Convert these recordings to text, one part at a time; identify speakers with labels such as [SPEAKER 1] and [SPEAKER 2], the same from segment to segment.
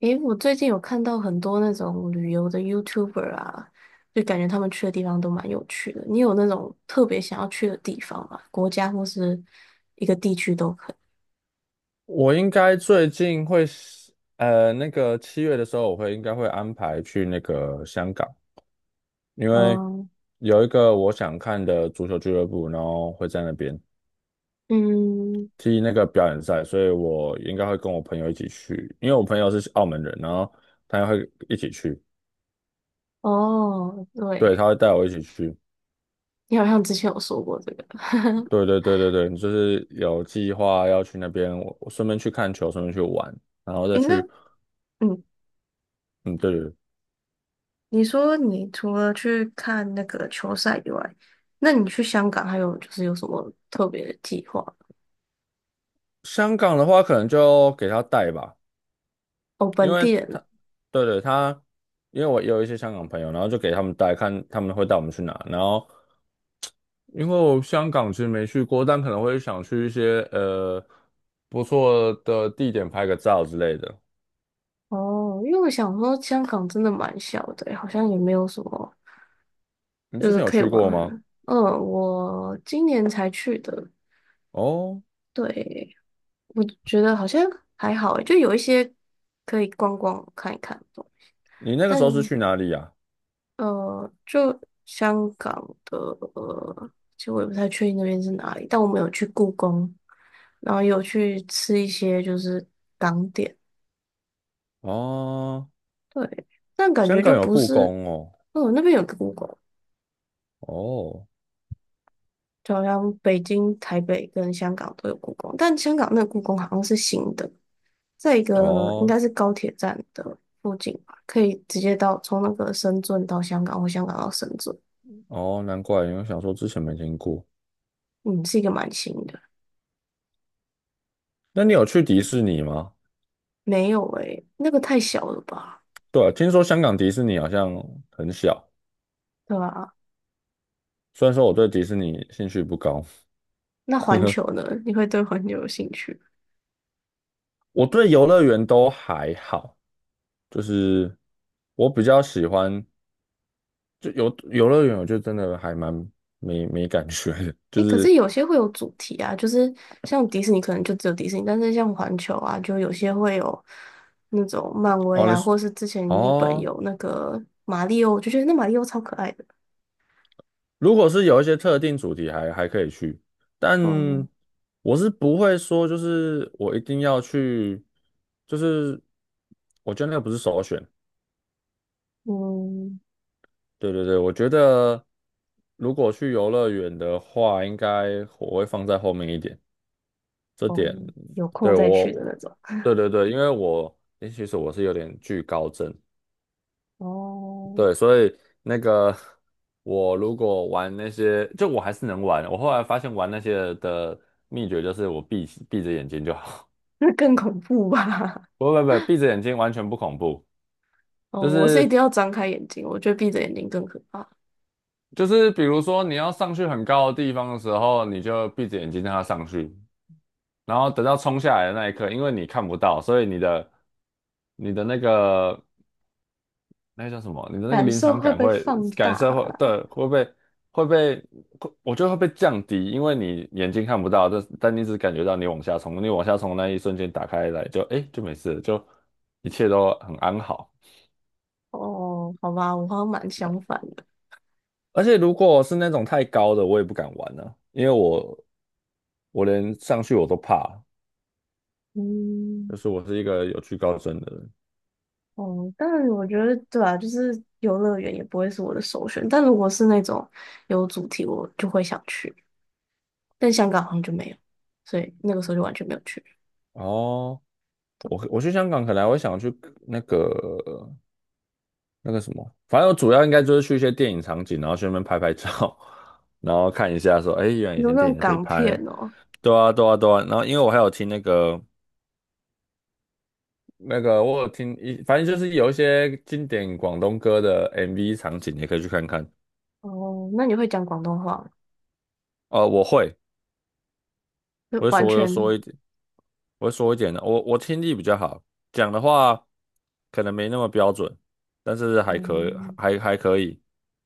[SPEAKER 1] 诶，我最近有看到很多那种旅游的 YouTuber 啊，就感觉他们去的地方都蛮有趣的。你有那种特别想要去的地方吗？国家或是一个地区都可以。
[SPEAKER 2] 我应该最近会是，那个七月的时候，我应该会安排去那个香港，因为
[SPEAKER 1] 哦，
[SPEAKER 2] 有一个我想看的足球俱乐部，然后会在那边
[SPEAKER 1] 嗯，
[SPEAKER 2] 踢那个表演赛，所以我应该会跟我朋友一起去，因为我朋友是澳门人，然后他也会一起去，
[SPEAKER 1] 哦，
[SPEAKER 2] 对，
[SPEAKER 1] 对，
[SPEAKER 2] 他会带我一起去，
[SPEAKER 1] 你好像之前有说过这个。
[SPEAKER 2] 对对对对对，就是有计划要去那边，我顺便去看球，顺便去玩，然后再
[SPEAKER 1] 诶，那
[SPEAKER 2] 去，
[SPEAKER 1] 嗯，
[SPEAKER 2] 嗯，对对对，
[SPEAKER 1] 你说你除了去看那个球赛以外，那你去香港还有就是有什么特别的计划吗？
[SPEAKER 2] 香港的话可能就给他带吧。
[SPEAKER 1] 哦，
[SPEAKER 2] 因
[SPEAKER 1] 本
[SPEAKER 2] 为
[SPEAKER 1] 地人。
[SPEAKER 2] 他，对对，因为我有一些香港朋友，然后就给他们带看，他们会带我们去哪。然后，因为我香港其实没去过，但可能会想去一些不错的地点拍个照之类的。
[SPEAKER 1] 哦，因为我想说香港真的蛮小的欸，好像也没有什么
[SPEAKER 2] 你
[SPEAKER 1] 就
[SPEAKER 2] 之
[SPEAKER 1] 是
[SPEAKER 2] 前有
[SPEAKER 1] 可以
[SPEAKER 2] 去
[SPEAKER 1] 玩
[SPEAKER 2] 过
[SPEAKER 1] 的
[SPEAKER 2] 吗？
[SPEAKER 1] 人。嗯，我今年才去的，
[SPEAKER 2] 哦，
[SPEAKER 1] 对，我觉得好像还好诶，就有一些可以逛逛看一看的。
[SPEAKER 2] 你那个时候是
[SPEAKER 1] 但
[SPEAKER 2] 去哪里呀？
[SPEAKER 1] 就香港的，呃，其实我也不太确定那边是哪里，但我们有去故宫，然后有去吃一些就是港点，
[SPEAKER 2] 哦，
[SPEAKER 1] 对，但感觉
[SPEAKER 2] 香港
[SPEAKER 1] 就
[SPEAKER 2] 有
[SPEAKER 1] 不
[SPEAKER 2] 故
[SPEAKER 1] 是。
[SPEAKER 2] 宫哦？
[SPEAKER 1] 哦，那边有个故宫。
[SPEAKER 2] 哦
[SPEAKER 1] 就好像北京、台北跟香港都有故宫，但香港那个故宫好像是新的，在一个应
[SPEAKER 2] 哦
[SPEAKER 1] 该是高铁站的附近吧，可以直接到从那个深圳到香港或香港到深圳，
[SPEAKER 2] 哦，难怪，因为想说之前没听过。
[SPEAKER 1] 嗯，是一个蛮新的。
[SPEAKER 2] 那你有去迪士尼吗？
[SPEAKER 1] 没有诶、那个太小了吧？
[SPEAKER 2] 对啊，听说香港迪士尼好像很小。
[SPEAKER 1] 对吧？
[SPEAKER 2] 虽然说我对迪士尼兴趣不高，
[SPEAKER 1] 那环球呢？你会对环球有兴趣？
[SPEAKER 2] 我对游乐园都还好，就是我比较喜欢就游乐园，我就真的还蛮没感觉的，就
[SPEAKER 1] 诶，可
[SPEAKER 2] 是
[SPEAKER 1] 是有些会有主题啊，就是像迪士尼可能就只有迪士尼，但是像环球啊，就有些会有那种漫威
[SPEAKER 2] 哦，
[SPEAKER 1] 啊，或是之前日本
[SPEAKER 2] 哦，
[SPEAKER 1] 有那个马里奥，我就觉得那马里奥超可爱的。
[SPEAKER 2] 如果是有一些特定主题还可以去，
[SPEAKER 1] 嗯
[SPEAKER 2] 但我是不会说就是我一定要去，就是我觉得那个不是首选。
[SPEAKER 1] 嗯，
[SPEAKER 2] 对对对，我觉得如果去游乐园的话，应该我会放在后面一点。
[SPEAKER 1] 哦，有空
[SPEAKER 2] 对
[SPEAKER 1] 再去的
[SPEAKER 2] 我，
[SPEAKER 1] 那种。
[SPEAKER 2] 对对对，因为我诶其实我是有点惧高症，
[SPEAKER 1] 哦，
[SPEAKER 2] 对，所以那个我如果玩那些，就我还是能玩。我后来发现玩那些的秘诀就是我闭着眼睛就好，
[SPEAKER 1] 那更恐怖吧？
[SPEAKER 2] 不不不，闭着眼睛完全不恐怖，
[SPEAKER 1] 哦，
[SPEAKER 2] 就
[SPEAKER 1] 我是一定
[SPEAKER 2] 是
[SPEAKER 1] 要张开眼睛，我觉得闭着眼睛更可怕，
[SPEAKER 2] 就是比如说你要上去很高的地方的时候，你就闭着眼睛让它上去，然后等到冲下来的那一刻，因为你看不到，所以你的那个。那个叫什么？你的那个
[SPEAKER 1] 感
[SPEAKER 2] 临
[SPEAKER 1] 受
[SPEAKER 2] 场
[SPEAKER 1] 会
[SPEAKER 2] 感
[SPEAKER 1] 被
[SPEAKER 2] 会
[SPEAKER 1] 放大
[SPEAKER 2] 感受会
[SPEAKER 1] 啊。
[SPEAKER 2] 对会被会被会我觉得会被降低，因为你眼睛看不到，但你只感觉到你往下冲，你往下冲那一瞬间打开来就哎就没事了就一切都很安好。
[SPEAKER 1] 哦，好吧，我好像蛮相反的。
[SPEAKER 2] 而且如果是那种太高的，我也不敢玩呢。因为我连上去我都怕，
[SPEAKER 1] 嗯。
[SPEAKER 2] 就是我是一个有惧高症的人。
[SPEAKER 1] 哦，但我觉得对啊，就是游乐园也不会是我的首选。但如果是那种有主题，我就会想去。但香港好像就没有，所以那个时候就完全没有去。
[SPEAKER 2] 哦，我去香港可能我会想去那个。那个什么，反正我主要应该就是去一些电影场景，然后去那边拍拍照，然后看一下说，哎，原来
[SPEAKER 1] 你
[SPEAKER 2] 以
[SPEAKER 1] 说
[SPEAKER 2] 前
[SPEAKER 1] 那
[SPEAKER 2] 电
[SPEAKER 1] 种
[SPEAKER 2] 影在这里
[SPEAKER 1] 港片
[SPEAKER 2] 拍，
[SPEAKER 1] 哦，
[SPEAKER 2] 对啊，对啊，对啊。然后因为我还有听那个我有听一，反正就是有一些经典广东歌的 MV 场景，也可以去看看。
[SPEAKER 1] 哦，那你会讲广东话吗？
[SPEAKER 2] 哦，我会，
[SPEAKER 1] 就
[SPEAKER 2] 我会
[SPEAKER 1] 完
[SPEAKER 2] 说我说
[SPEAKER 1] 全，
[SPEAKER 2] 一点，我会说一点的。我听力比较好，讲的话可能没那么标准，但是还可
[SPEAKER 1] 嗯，
[SPEAKER 2] 还还可以，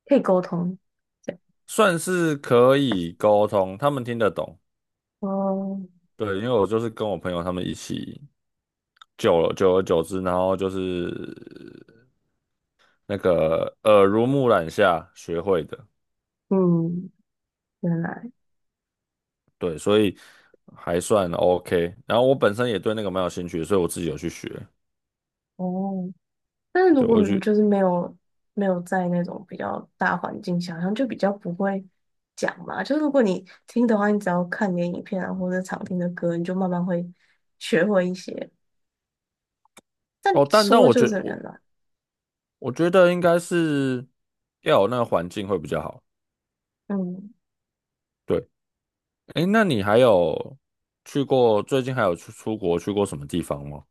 [SPEAKER 1] 可以沟通。对，
[SPEAKER 2] 算是可以沟通，他们听得懂。
[SPEAKER 1] 哦，
[SPEAKER 2] 对，因为我就是跟我朋友他们一起久了，久而久之，然后就是那个耳濡目染下学会的，
[SPEAKER 1] 嗯，原来。
[SPEAKER 2] 对，所以还算 OK。然后我本身也对那个蛮有兴趣所以我自己有去学。
[SPEAKER 1] 哦，但是如
[SPEAKER 2] 对，我
[SPEAKER 1] 果你
[SPEAKER 2] 去
[SPEAKER 1] 就是没有没有在那种比较大环境下，好像就比较不会讲嘛。就是如果你听的话，你只要看点影片啊，或者常听的歌，你就慢慢会学会一些。但
[SPEAKER 2] 哦，但
[SPEAKER 1] 说
[SPEAKER 2] 我
[SPEAKER 1] 就
[SPEAKER 2] 觉
[SPEAKER 1] 是很
[SPEAKER 2] 我
[SPEAKER 1] 难。
[SPEAKER 2] 我觉得应该是要有那个环境会比较好。
[SPEAKER 1] 嗯，
[SPEAKER 2] 对，诶，那你还有去过最近还有去出国去过什么地方吗？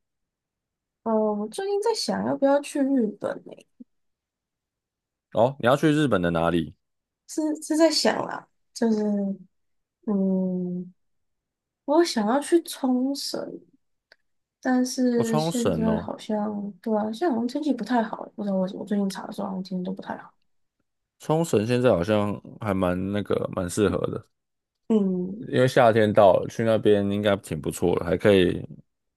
[SPEAKER 1] 哦，我最近在想要不要去日本诶、
[SPEAKER 2] 哦，你要去日本的哪里？
[SPEAKER 1] 是是在想啦，就是嗯，我想要去冲绳，但
[SPEAKER 2] 我，
[SPEAKER 1] 是
[SPEAKER 2] 冲
[SPEAKER 1] 现
[SPEAKER 2] 绳
[SPEAKER 1] 在
[SPEAKER 2] 哦。
[SPEAKER 1] 好像对啊，现在好像天气不太好，不知道为什么最近查的时候好像天气都不太好。
[SPEAKER 2] 冲绳现在好像还蛮那个蛮适合的，
[SPEAKER 1] 嗯。
[SPEAKER 2] 因为夏天到了，去那边应该挺不错的，还可以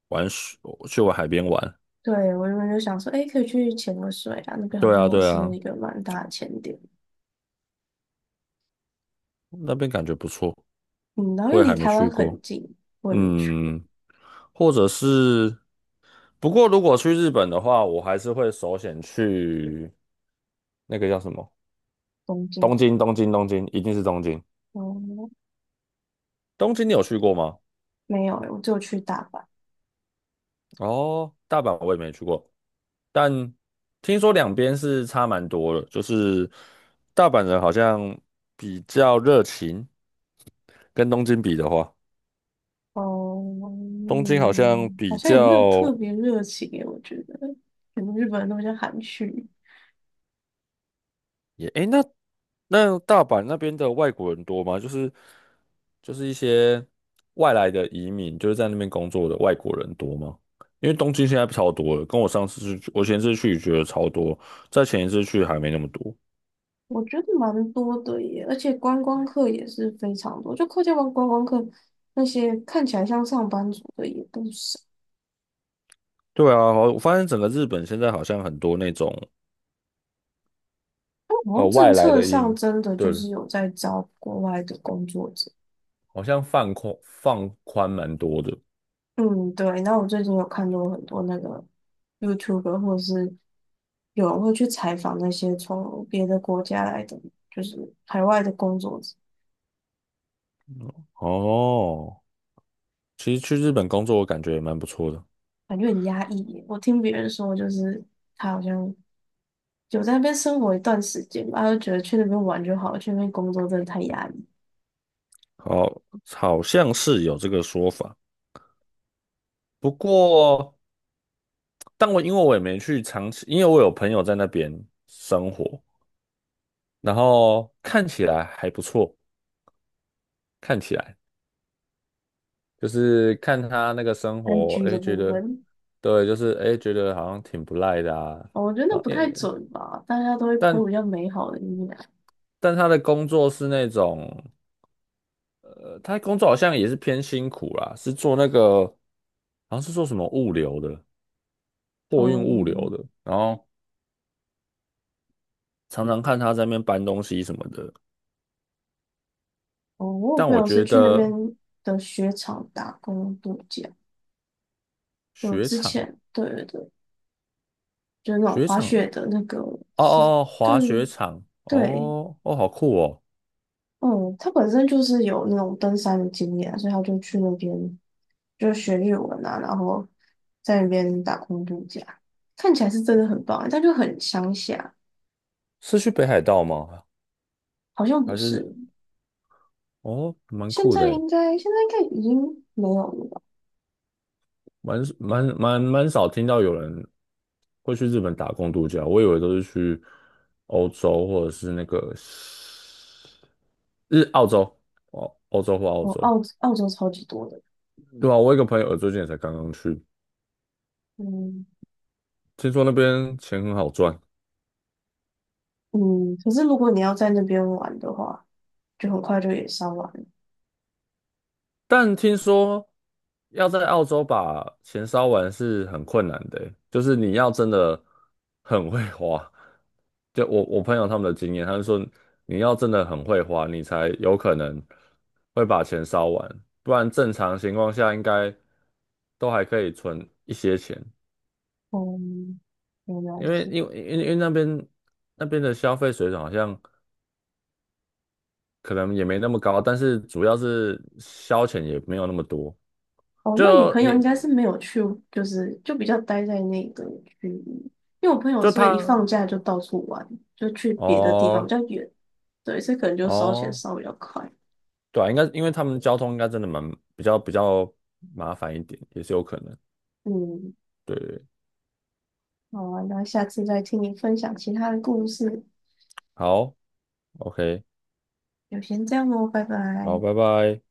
[SPEAKER 2] 玩水，去玩海边玩。
[SPEAKER 1] 对，我原本就想说，哎，可以去潜个水啊，那边好
[SPEAKER 2] 对
[SPEAKER 1] 像
[SPEAKER 2] 啊，
[SPEAKER 1] 也
[SPEAKER 2] 对
[SPEAKER 1] 是
[SPEAKER 2] 啊，
[SPEAKER 1] 一个蛮大的潜点，
[SPEAKER 2] 那边感觉不错，
[SPEAKER 1] 嗯，然后
[SPEAKER 2] 我
[SPEAKER 1] 又
[SPEAKER 2] 也
[SPEAKER 1] 离
[SPEAKER 2] 还没
[SPEAKER 1] 台湾
[SPEAKER 2] 去过。
[SPEAKER 1] 很近，我也没去，
[SPEAKER 2] 嗯，或者是，不过如果去日本的话，我还是会首选去那个叫什么
[SPEAKER 1] 东京。
[SPEAKER 2] 东京，东京，东京，一定是东京。
[SPEAKER 1] 哦、
[SPEAKER 2] 东京你有去过吗？
[SPEAKER 1] 没有欸，我就去大阪，
[SPEAKER 2] 哦，大阪我也没去过。但听说两边是差蛮多的，就是大阪人好像比较热情，跟东京比的话，
[SPEAKER 1] 哦、
[SPEAKER 2] 东京好像
[SPEAKER 1] 嗯好
[SPEAKER 2] 比
[SPEAKER 1] 像也没有特
[SPEAKER 2] 较
[SPEAKER 1] 别热情诶，我觉得，可能日本人都比较含蓄，
[SPEAKER 2] 也诶，那大阪那边的外国人多吗？就是就是一些外来的移民，就是在那边工作的外国人多吗？因为东京现在超多了，跟我上次去，我前次去觉得超多，在前一次去还没那么多。
[SPEAKER 1] 我觉得蛮多的耶，而且观光客也是非常多，就客家湾观光客那些看起来像上班族的也不少。
[SPEAKER 2] 对啊，我发现整个日本现在好像很多那种。
[SPEAKER 1] 好像政
[SPEAKER 2] 外来
[SPEAKER 1] 策
[SPEAKER 2] 的
[SPEAKER 1] 上
[SPEAKER 2] 音，
[SPEAKER 1] 真的就
[SPEAKER 2] 对，
[SPEAKER 1] 是有在招国外的工作者。
[SPEAKER 2] 好像放宽蛮多的。
[SPEAKER 1] 嗯，对。那我最近有看到很多那个 YouTuber，或者是有人会去采访那些从别的国家来的，就是海外的工作者，
[SPEAKER 2] 哦，其实去日本工作，我感觉也蛮不错的。
[SPEAKER 1] 感觉很压抑耶我听别人说，就是他好像有在那边生活一段时间吧，他就觉得去那边玩就好了，去那边工作真的太压抑。
[SPEAKER 2] 好，好像是有这个说法。不过，因为我也没去长期，因为我有朋友在那边生活，然后看起来还不错，看起来就是看他那个生活，
[SPEAKER 1] IG 的
[SPEAKER 2] 哎，觉
[SPEAKER 1] 部
[SPEAKER 2] 得
[SPEAKER 1] 分，
[SPEAKER 2] 对，就是哎，觉得好像挺不赖的啊。
[SPEAKER 1] 哦我觉得那
[SPEAKER 2] 然后，
[SPEAKER 1] 不太准吧，大家都会 p 比
[SPEAKER 2] 但
[SPEAKER 1] 较美好的一面。
[SPEAKER 2] 但他的工作是那种。他工作好像也是偏辛苦啦，是做那个，好像是做什么物流的，
[SPEAKER 1] 哦，
[SPEAKER 2] 货运物流
[SPEAKER 1] 嗯，
[SPEAKER 2] 的，然后常常看他在那边搬东西什么的。
[SPEAKER 1] 哦，我有
[SPEAKER 2] 但
[SPEAKER 1] 朋
[SPEAKER 2] 我
[SPEAKER 1] 友是
[SPEAKER 2] 觉
[SPEAKER 1] 去那边
[SPEAKER 2] 得
[SPEAKER 1] 的雪场打工度假，就
[SPEAKER 2] 雪
[SPEAKER 1] 之
[SPEAKER 2] 场，
[SPEAKER 1] 前对对对，就是那种
[SPEAKER 2] 雪
[SPEAKER 1] 滑雪
[SPEAKER 2] 场，
[SPEAKER 1] 的那个
[SPEAKER 2] 哦
[SPEAKER 1] 是，
[SPEAKER 2] 哦哦，
[SPEAKER 1] 对
[SPEAKER 2] 滑雪场，
[SPEAKER 1] 对，
[SPEAKER 2] 哦哦，好酷哦，
[SPEAKER 1] 嗯，他本身就是有那种登山的经验啊，所以他就去那边就学日文啊，然后在那边打工度假，看起来是真的很棒欸，但就很乡下，
[SPEAKER 2] 是去北海道吗？
[SPEAKER 1] 好像不
[SPEAKER 2] 还是
[SPEAKER 1] 是，
[SPEAKER 2] 哦，蛮
[SPEAKER 1] 现
[SPEAKER 2] 酷
[SPEAKER 1] 在
[SPEAKER 2] 的诶。
[SPEAKER 1] 应该已经没有了吧？
[SPEAKER 2] 蛮少听到有人会去日本打工度假，我以为都是去欧洲或者是那个澳洲，哦，欧洲或澳
[SPEAKER 1] 哦，
[SPEAKER 2] 洲。
[SPEAKER 1] 澳澳洲超级多的，
[SPEAKER 2] 对啊，我有一个朋友最近也才刚刚去，
[SPEAKER 1] 嗯。
[SPEAKER 2] 听说那边钱很好赚。
[SPEAKER 1] 嗯，可是如果你要在那边玩的话，就很快就也烧完了。
[SPEAKER 2] 但听说要在澳洲把钱烧完是很困难的欸就是你要真的很会花。就我朋友他们的经验，他们说你要真的很会花，你才有可能会把钱烧完，不然正常情况下应该都还可以存一些钱，
[SPEAKER 1] 嗯，原来
[SPEAKER 2] 因
[SPEAKER 1] 是
[SPEAKER 2] 为因
[SPEAKER 1] 这样。
[SPEAKER 2] 为因为因为那边的消费水准好像可能也没那么高，但是主要是消遣也没有那么多。
[SPEAKER 1] 哦，那你
[SPEAKER 2] 就
[SPEAKER 1] 朋友应
[SPEAKER 2] 你
[SPEAKER 1] 该是没有去，就是就比较待在那个区域，因为我朋友
[SPEAKER 2] 就
[SPEAKER 1] 是会一
[SPEAKER 2] 他
[SPEAKER 1] 放假就到处玩，就去别的地方比
[SPEAKER 2] 哦
[SPEAKER 1] 较远，对，所以可能就烧钱
[SPEAKER 2] 哦，
[SPEAKER 1] 烧比较快。
[SPEAKER 2] 对啊，应该因为他们交通应该真的蛮比较麻烦一点，也是有可能。
[SPEAKER 1] 嗯，
[SPEAKER 2] 对，
[SPEAKER 1] 好啊那下次再听你分享其他的故事。
[SPEAKER 2] 好，OK，
[SPEAKER 1] 就先这样哦，拜
[SPEAKER 2] 好，
[SPEAKER 1] 拜。
[SPEAKER 2] 拜拜。